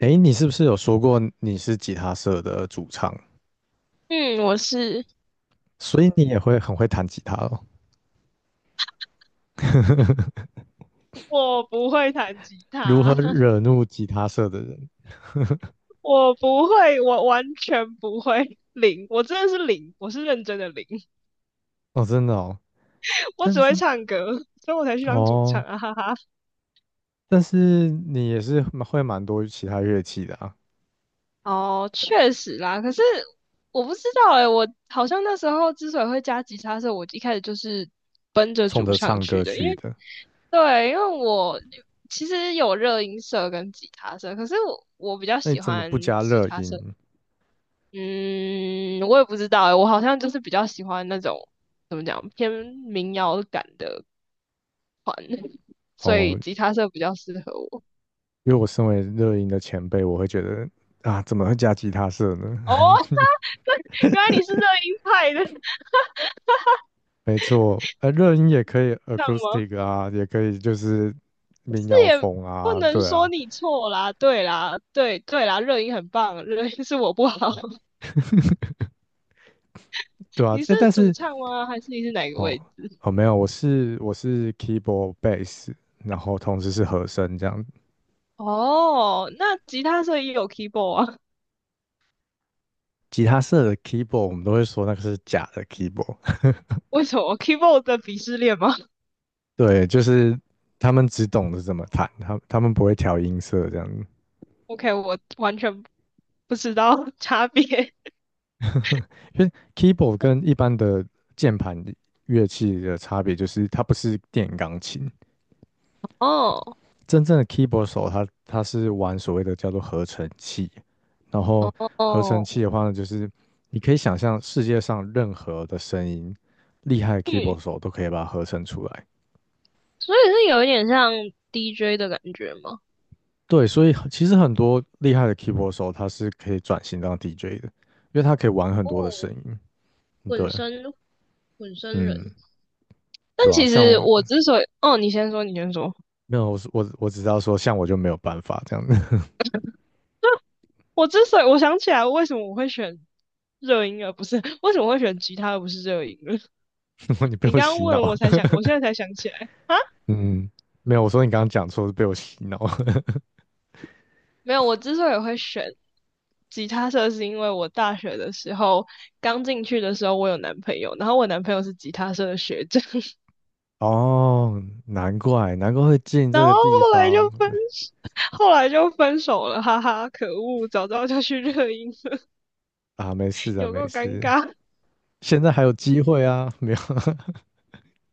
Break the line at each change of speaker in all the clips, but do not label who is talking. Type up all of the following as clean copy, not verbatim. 诶，你是不是有说过你是吉他社的主唱，
嗯，我是。
所以你也会很会弹吉他哦？
我不会弹吉
如何
他，
惹怒吉他社的人？
我不会，我完全不会，零，我真的是零，我是认真的零。
哦，真的哦，
我
但
只会
是
唱歌，所以我才去当主唱
哦，
啊，哈哈。
但是你也是蛮会蛮多其他乐器的啊，
哦，确实啦。可是我不知道诶，我好像那时候之所以会加吉他的时候，我一开始就是奔着
冲
主
着
唱
唱
去
歌
的，因
去
为。
的，
对，因为我其实有热音社跟吉他社，可是我比较
那你
喜
怎么
欢
不加
吉
热
他社。
音？
嗯，我也不知道欸，我好像就是比较喜欢那种怎么讲偏民谣感的，所以
哦，
吉他社比较适合我。
因为我身为热音的前辈，我会觉得啊，怎么会加吉他社呢？
哦。原来你是热音派的。
没错，热音也可以
这样吗？
acoustic 啊，也可以就是民
这
谣
也
风
不
啊，
能
对
说
啊。
你错啦，对啦，对对啦，热音很棒，热音是我不好。
对啊，
你是
诶但
主
是
唱吗？还是你是哪个
哦
位置？
哦，没有，我是 keyboard bass，然后同时是和声这样。
哦，那吉他社也有 keyboard 啊？
吉他社的 keyboard 我们都会说那个是假的 keyboard。
为什么 keyboard 的鄙视链吗
对，就是他们只懂得怎么弹，他们不会调音色这样子。
？OK，我完全不知道 差别。
因为 keyboard 跟一般的键盘乐器的差别就是它不是电钢琴，
哦。
真正的 keyboard 手他是玩所谓的叫做合成器，然后合成
哦，
器的话呢，就是你可以想象世界上任何的声音，厉害的
嗯，
keyboard 手都可以把它合成出来。
所以是有一点像 DJ 的感觉吗？
对，所以很其实很多厉害的 keyboard 手他是可以转型当 DJ 的，因为他可以玩很
哦，
多的声音。对，
混声。混声
嗯，
人。但
对啊，
其实
像
我之所以，哦，你先说，你先说。
没有我是我我只知道说像我就没有办法这样子。
我之所以我想起来，为什么我会选热音而不是 为什么会选吉他而不是热音了？
你 被
你
我
刚
洗
刚问
脑，
了我才想，我现在才想起来。
嗯，没有，我说你刚刚讲错是被我洗脑。
没有，我之所以会选吉他社，是因为我大学的时候刚进去的时候，我有男朋友，然后我男朋友是吉他社的学长。
哦，难怪，难怪会进
然
这
后
个地
后来就
方。
分手，后来就分手了，哈哈，可恶，早知道就去热音社。
啊！没事 的，
有
没
够尴
事，
尬。
现在还有机会啊，没有。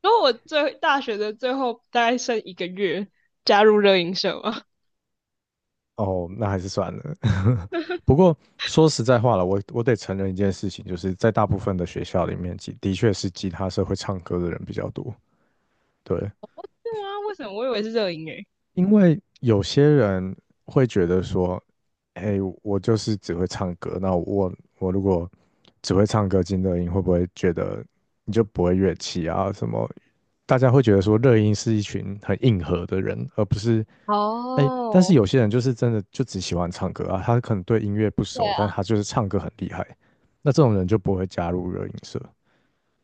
然后我大学的最后大概剩一个月加入热音社嘛。
哦，那还是算了。不过说实在话了，我得承认一件事情，就是在大部分的学校里面，的确是吉他社会唱歌的人比较多。对，
对啊，为什么我以为是热音诶、欸？
因为有些人会觉得说，哎，我就是只会唱歌，那我如果只会唱歌进乐音，会不会觉得你就不会乐器啊？什么大家会觉得说乐音是一群很硬核的人，而不是哎，但是
哦，
有些人就是真的就只喜欢唱歌啊，他可能对音乐不
对
熟，
啊，
但他就是唱歌很厉害，那这种人就不会加入热音社。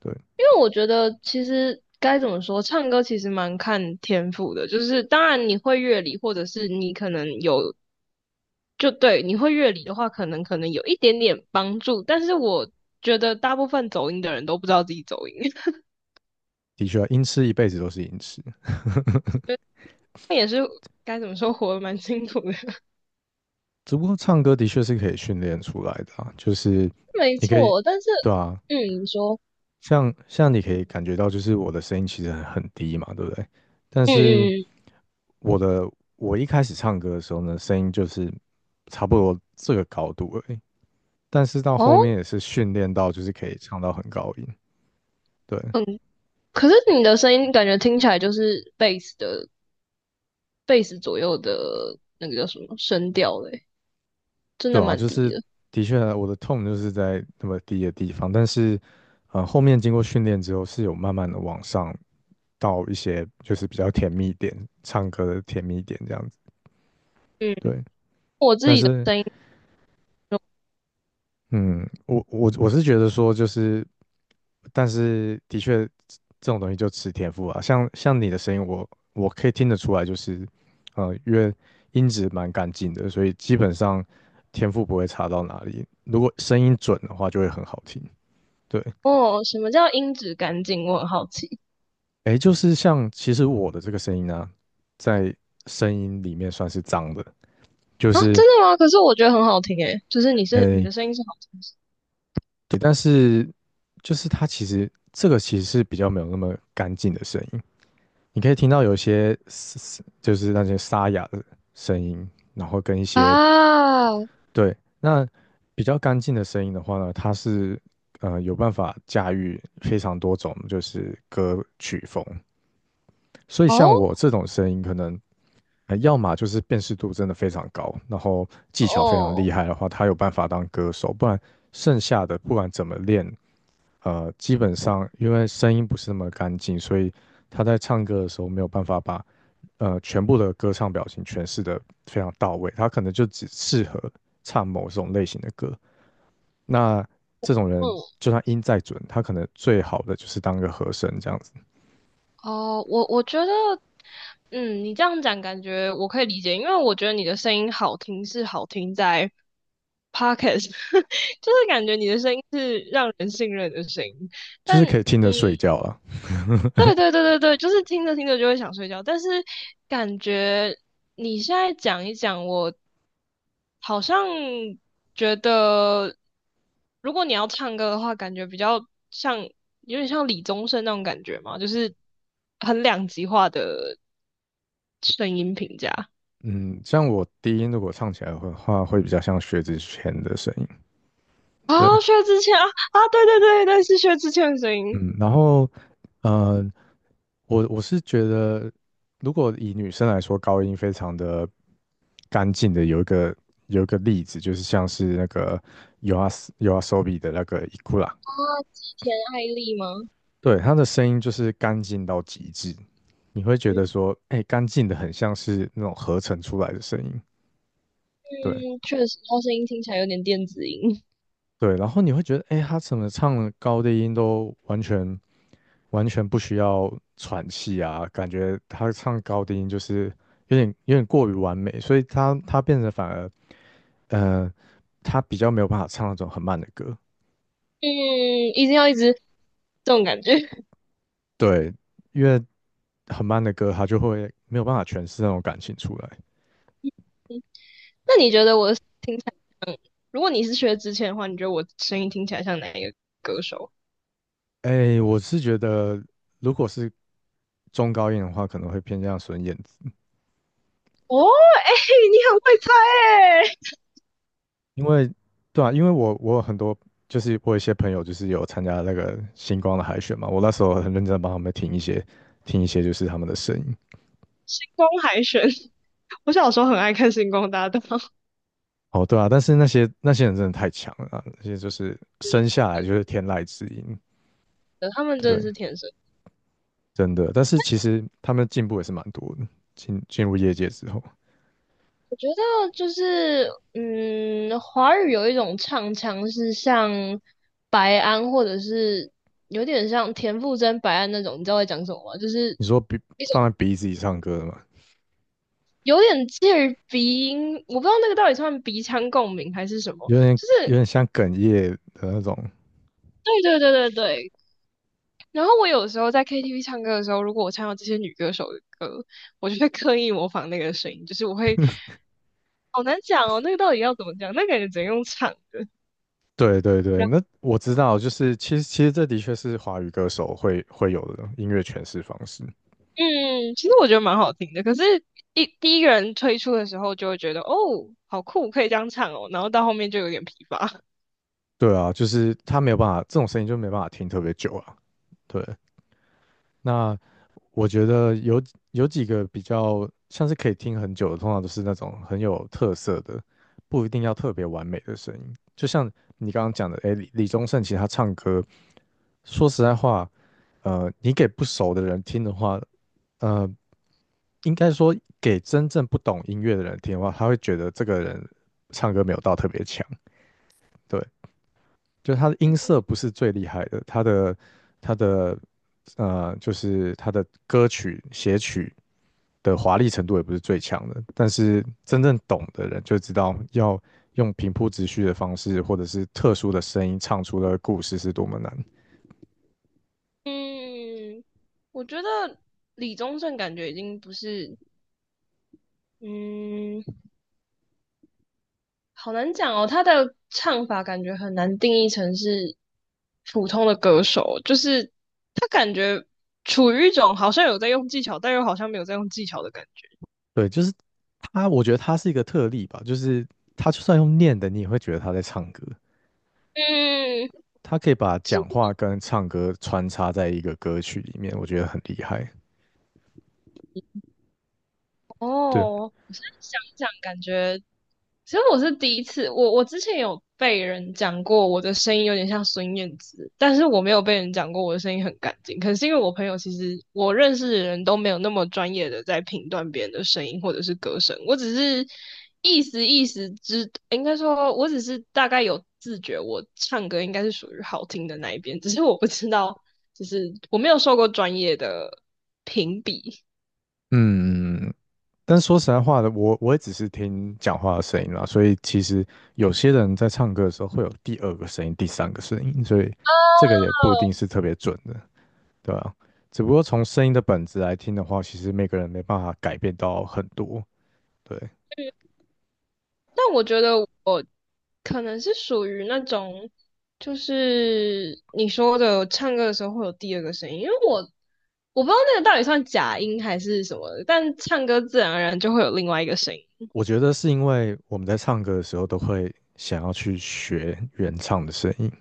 对，
因为我觉得其实该怎么说，唱歌其实蛮看天赋的，就是当然你会乐理，或者是你可能有，就对，你会乐理的话，可能有一点点帮助，但是我觉得大部分走音的人都不知道自己走音，
的确啊，音痴一辈子都是音痴，
觉得他也该怎么说，活得蛮辛苦的。
只不过唱歌的确是可以训练出来的啊，就是
没
你可以，
错，但是，
对啊，
嗯，你说。
像你可以感觉到，就是我的声音其实很低嘛，对不对？但
嗯
是
嗯，嗯
我的我一开始唱歌的时候呢，声音就是差不多这个高度而已。但是到
哦，
后面也是训练到，就是可以唱到很高音。对，
嗯，可是你的声音感觉听起来就是 bass 左右的，那个叫什么声调嘞，真的
对啊，
蛮
就
低
是
的。
的确啊我的痛就是在那么低的地方，但是后面经过训练之后是有慢慢的往上到一些就是比较甜蜜点，唱歌的甜蜜点这样子。
嗯，
对，
我自
但
己的
是
声音。
嗯，我是觉得说就是但是的确，这种东西就吃天赋啊。像你的声音，我可以听得出来，就是因为音质蛮干净的，所以基本上天赋不会差到哪里。如果声音准的话，就会很好听。对，
哦，什么叫音质干净？我很好奇。
诶，就是像其实我的这个声音呢、在声音里面算是脏的，就
啊，
是
真的吗？可是我觉得很好听诶，就是你是你
诶，
的声音是好听的
对，但是就是它其实这个其实是比较没有那么干净的声音。你可以听到有一些嘶嘶就是那些沙哑的声音，然后跟一些
啊。
对那比较干净的声音的话呢，它是有办法驾驭非常多种就是歌曲风，所以
哦
像我这种声音，可能要么就是辨识度真的非常高，然后技巧非常
哦，
厉害的话，他有办法当歌手，不然剩下的不管怎么练。基本上因为声音不是那么干净，所以他在唱歌的时候没有办法把全部的歌唱表情诠释的非常到位，他可能就只适合唱某种类型的歌。那这种人
嗯，
就算音再准，他可能最好的就是当个和声这样子，
哦，我觉得，嗯，你这样讲感觉我可以理解，因为我觉得你的声音好听是好听在 podcast。就是感觉你的声音是让人信任的声音。
就
但
是可
嗯，
以听着睡觉了。
对对对对对，就是听着听着就会想睡觉，但是感觉你现在讲一讲，我好像觉得，如果你要唱歌的话，感觉比较像有点像李宗盛那种感觉嘛，就是很两极化的，声音评价。
嗯，像我低音如果唱起来的话，会比较像薛之谦的声音。对，
啊，薛之谦啊。啊，对对对对，是薛之谦的声音。
嗯，然后。呃，我我是觉得，如果以女生来说，高音非常的干净的，有一个例子，就是像是那个 y o a s y o a s o b i 的那个伊库拉，
啊，吉田爱丽吗？
对，她的声音就是干净到极致，你会觉得说，哎、干净的很像是那种合成出来的声音，对，
嗯，确实，他声音听起来有点电子音。
对，然后你会觉得，哎，他怎么唱的高低音都完全不需要喘气啊？感觉他唱高低音就是有点过于完美，所以他变得反而，呃，他比较没有办法唱那种很慢的歌。
嗯，一定要一直这种感觉。
对，因为很慢的歌，他就会没有办法诠释那种感情出来。
那你觉得我听起来，如果你是薛之谦的话，你觉得我声音听起来像哪一个歌手？
哎，我是觉得，如果是中高音的话，可能会偏向孙燕
哦，哎、你很会猜。哎、
因为对啊，因为我有很多就是我有一些朋友就是有参加那个星光的海选嘛，我那时候很认真地帮他们听一些就是他们的声音。
星光海选？我小时候很爱看《星光大道》。
哦，对啊，但是那些人真的太强了啊，那些就是生下来就是天籁之音，
他们
对不
真的
对？
是天生。
真的，但是其实他们进步也是蛮多的。进入业界之后，
我觉得就是，嗯，华语有一种唱腔是像白安，或者是有点像田馥甄、白安那种，你知道我在讲什么吗？就是
你说鼻
一种
放在鼻子里唱歌的嘛，
有点介于鼻音，我不知道那个到底算鼻腔共鸣还是什么，
有点
就
有
是
点像哽咽的那种
对对对对对。然后我有时候在 KTV 唱歌的时候，如果我唱到这些女歌手的歌，我就会刻意模仿那个声音，就是我会好难讲哦，那个到底要怎么讲？那个感觉只能用唱的。
对对对，那我知道，就是其实这的确是华语歌手会有的音乐诠释方式。
嗯，其实我觉得蛮好听的，可是第一个人推出的时候就会觉得哦，好酷，可以这样唱哦，然后到后面就有点疲乏。
对啊，就是他没有办法，这种声音就没办法听特别久啊。对，那我觉得有几个比较像是可以听很久的，通常都是那种很有特色的，不一定要特别完美的声音。就像你刚刚讲的，诶，李宗盛其实他唱歌，说实在话，你给不熟的人听的话，呃，应该说给真正不懂音乐的人听的话，他会觉得这个人唱歌没有到特别强，对，就他的音色不是最厉害的，他的就是他的歌曲写曲的华丽程度也不是最强的，但是真正懂的人就知道要用平铺直叙的方式，或者是特殊的声音唱出的故事是多么难。
嗯，我觉得李宗盛感觉已经不是，嗯，好难讲哦，他的唱法感觉很难定义成是普通的歌手，就是他感觉处于一种好像有在用技巧，但又好像没有在用技巧的感觉。
对，就是他，我觉得他是一个特例吧，就是他就算用念的，你也会觉得他在唱歌。
嗯，
他可以把讲话跟唱歌穿插在一个歌曲里面，我觉得很厉害。对，
哦，我现在想一想，感觉。其实我是第一次，我之前有被人讲过我的声音有点像孙燕姿，但是我没有被人讲过我的声音很干净。可能是因为我朋友其实我认识的人都没有那么专业的在评断别人的声音或者是歌声，我只是意思意思，应该说我只是大概有自觉，我唱歌应该是属于好听的那一边，只是我不知道，就是我没有受过专业的评比。
嗯，但说实在话的，我也只是听讲话的声音啦，所以其实有些人在唱歌的时候会有第二个声音、第三个声音，所以这个也不一定是特别准的，对啊。只不过从声音的本质来听的话，其实每个人没办法改变到很多。对，
但我觉得我可能是属于那种，就是你说的唱歌的时候会有第二个声音，因为我不知道那个到底算假音还是什么的，但唱歌自然而然就会有另外一个声音
我觉得是因为我们在唱歌的时候都会想要去学原唱的声音。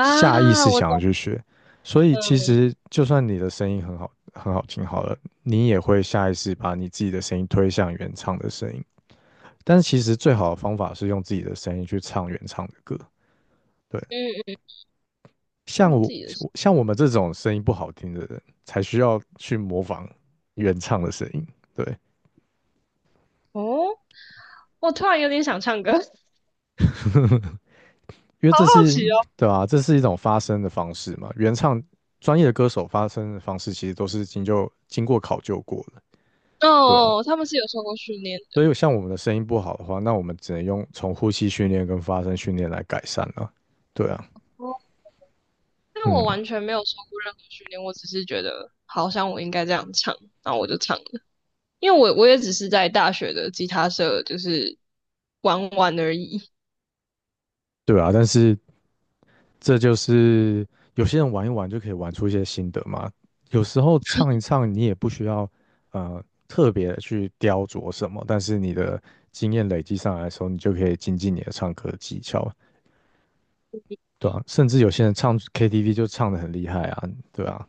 下意识
我
想要
懂
去学，所以其
了，
实就算你的声音很好，很好听好了，你也会下意识把你自己的声音推向原唱的声音。但是其实最好的方法是用自己的声音去唱原唱的歌。对，
嗯嗯，
像
忘
我
记了是
我们这种声音不好听的人，才需要去模仿原唱的声音。对，
哦，我突然有点想唱歌，好
因为
好
这是
奇哦。
对啊，这是一种发声的方式嘛。原唱专业的歌手发声的方式其实都是就经过考究过的。
哦，
对啊。
哦，他们是有受过训练
所
的。
以像我们的声音不好的话，那我们只能用从呼吸训练跟发声训练来改善了。对啊，
哦但我
嗯，
完全没有受过任何训练，我只是觉得好像我应该这样唱，然后我就唱。因为我也只是在大学的吉他社就是玩玩而已，
对啊，但是这就是有些人玩一玩就可以玩出一些心得嘛。有时候唱一唱，你也不需要特别的去雕琢什么，但是你的经验累积上来的时候，你就可以精进你的唱歌技巧，对啊，甚至有些人唱 KTV 就唱的很厉害啊，对啊，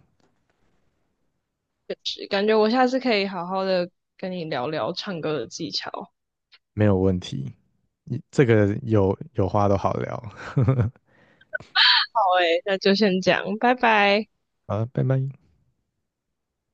就是感觉我下次可以好好的跟你聊聊唱歌的技巧。
没有问题。你这个有话都好聊，
好诶，那就先这样，拜拜。
好，了，拜拜。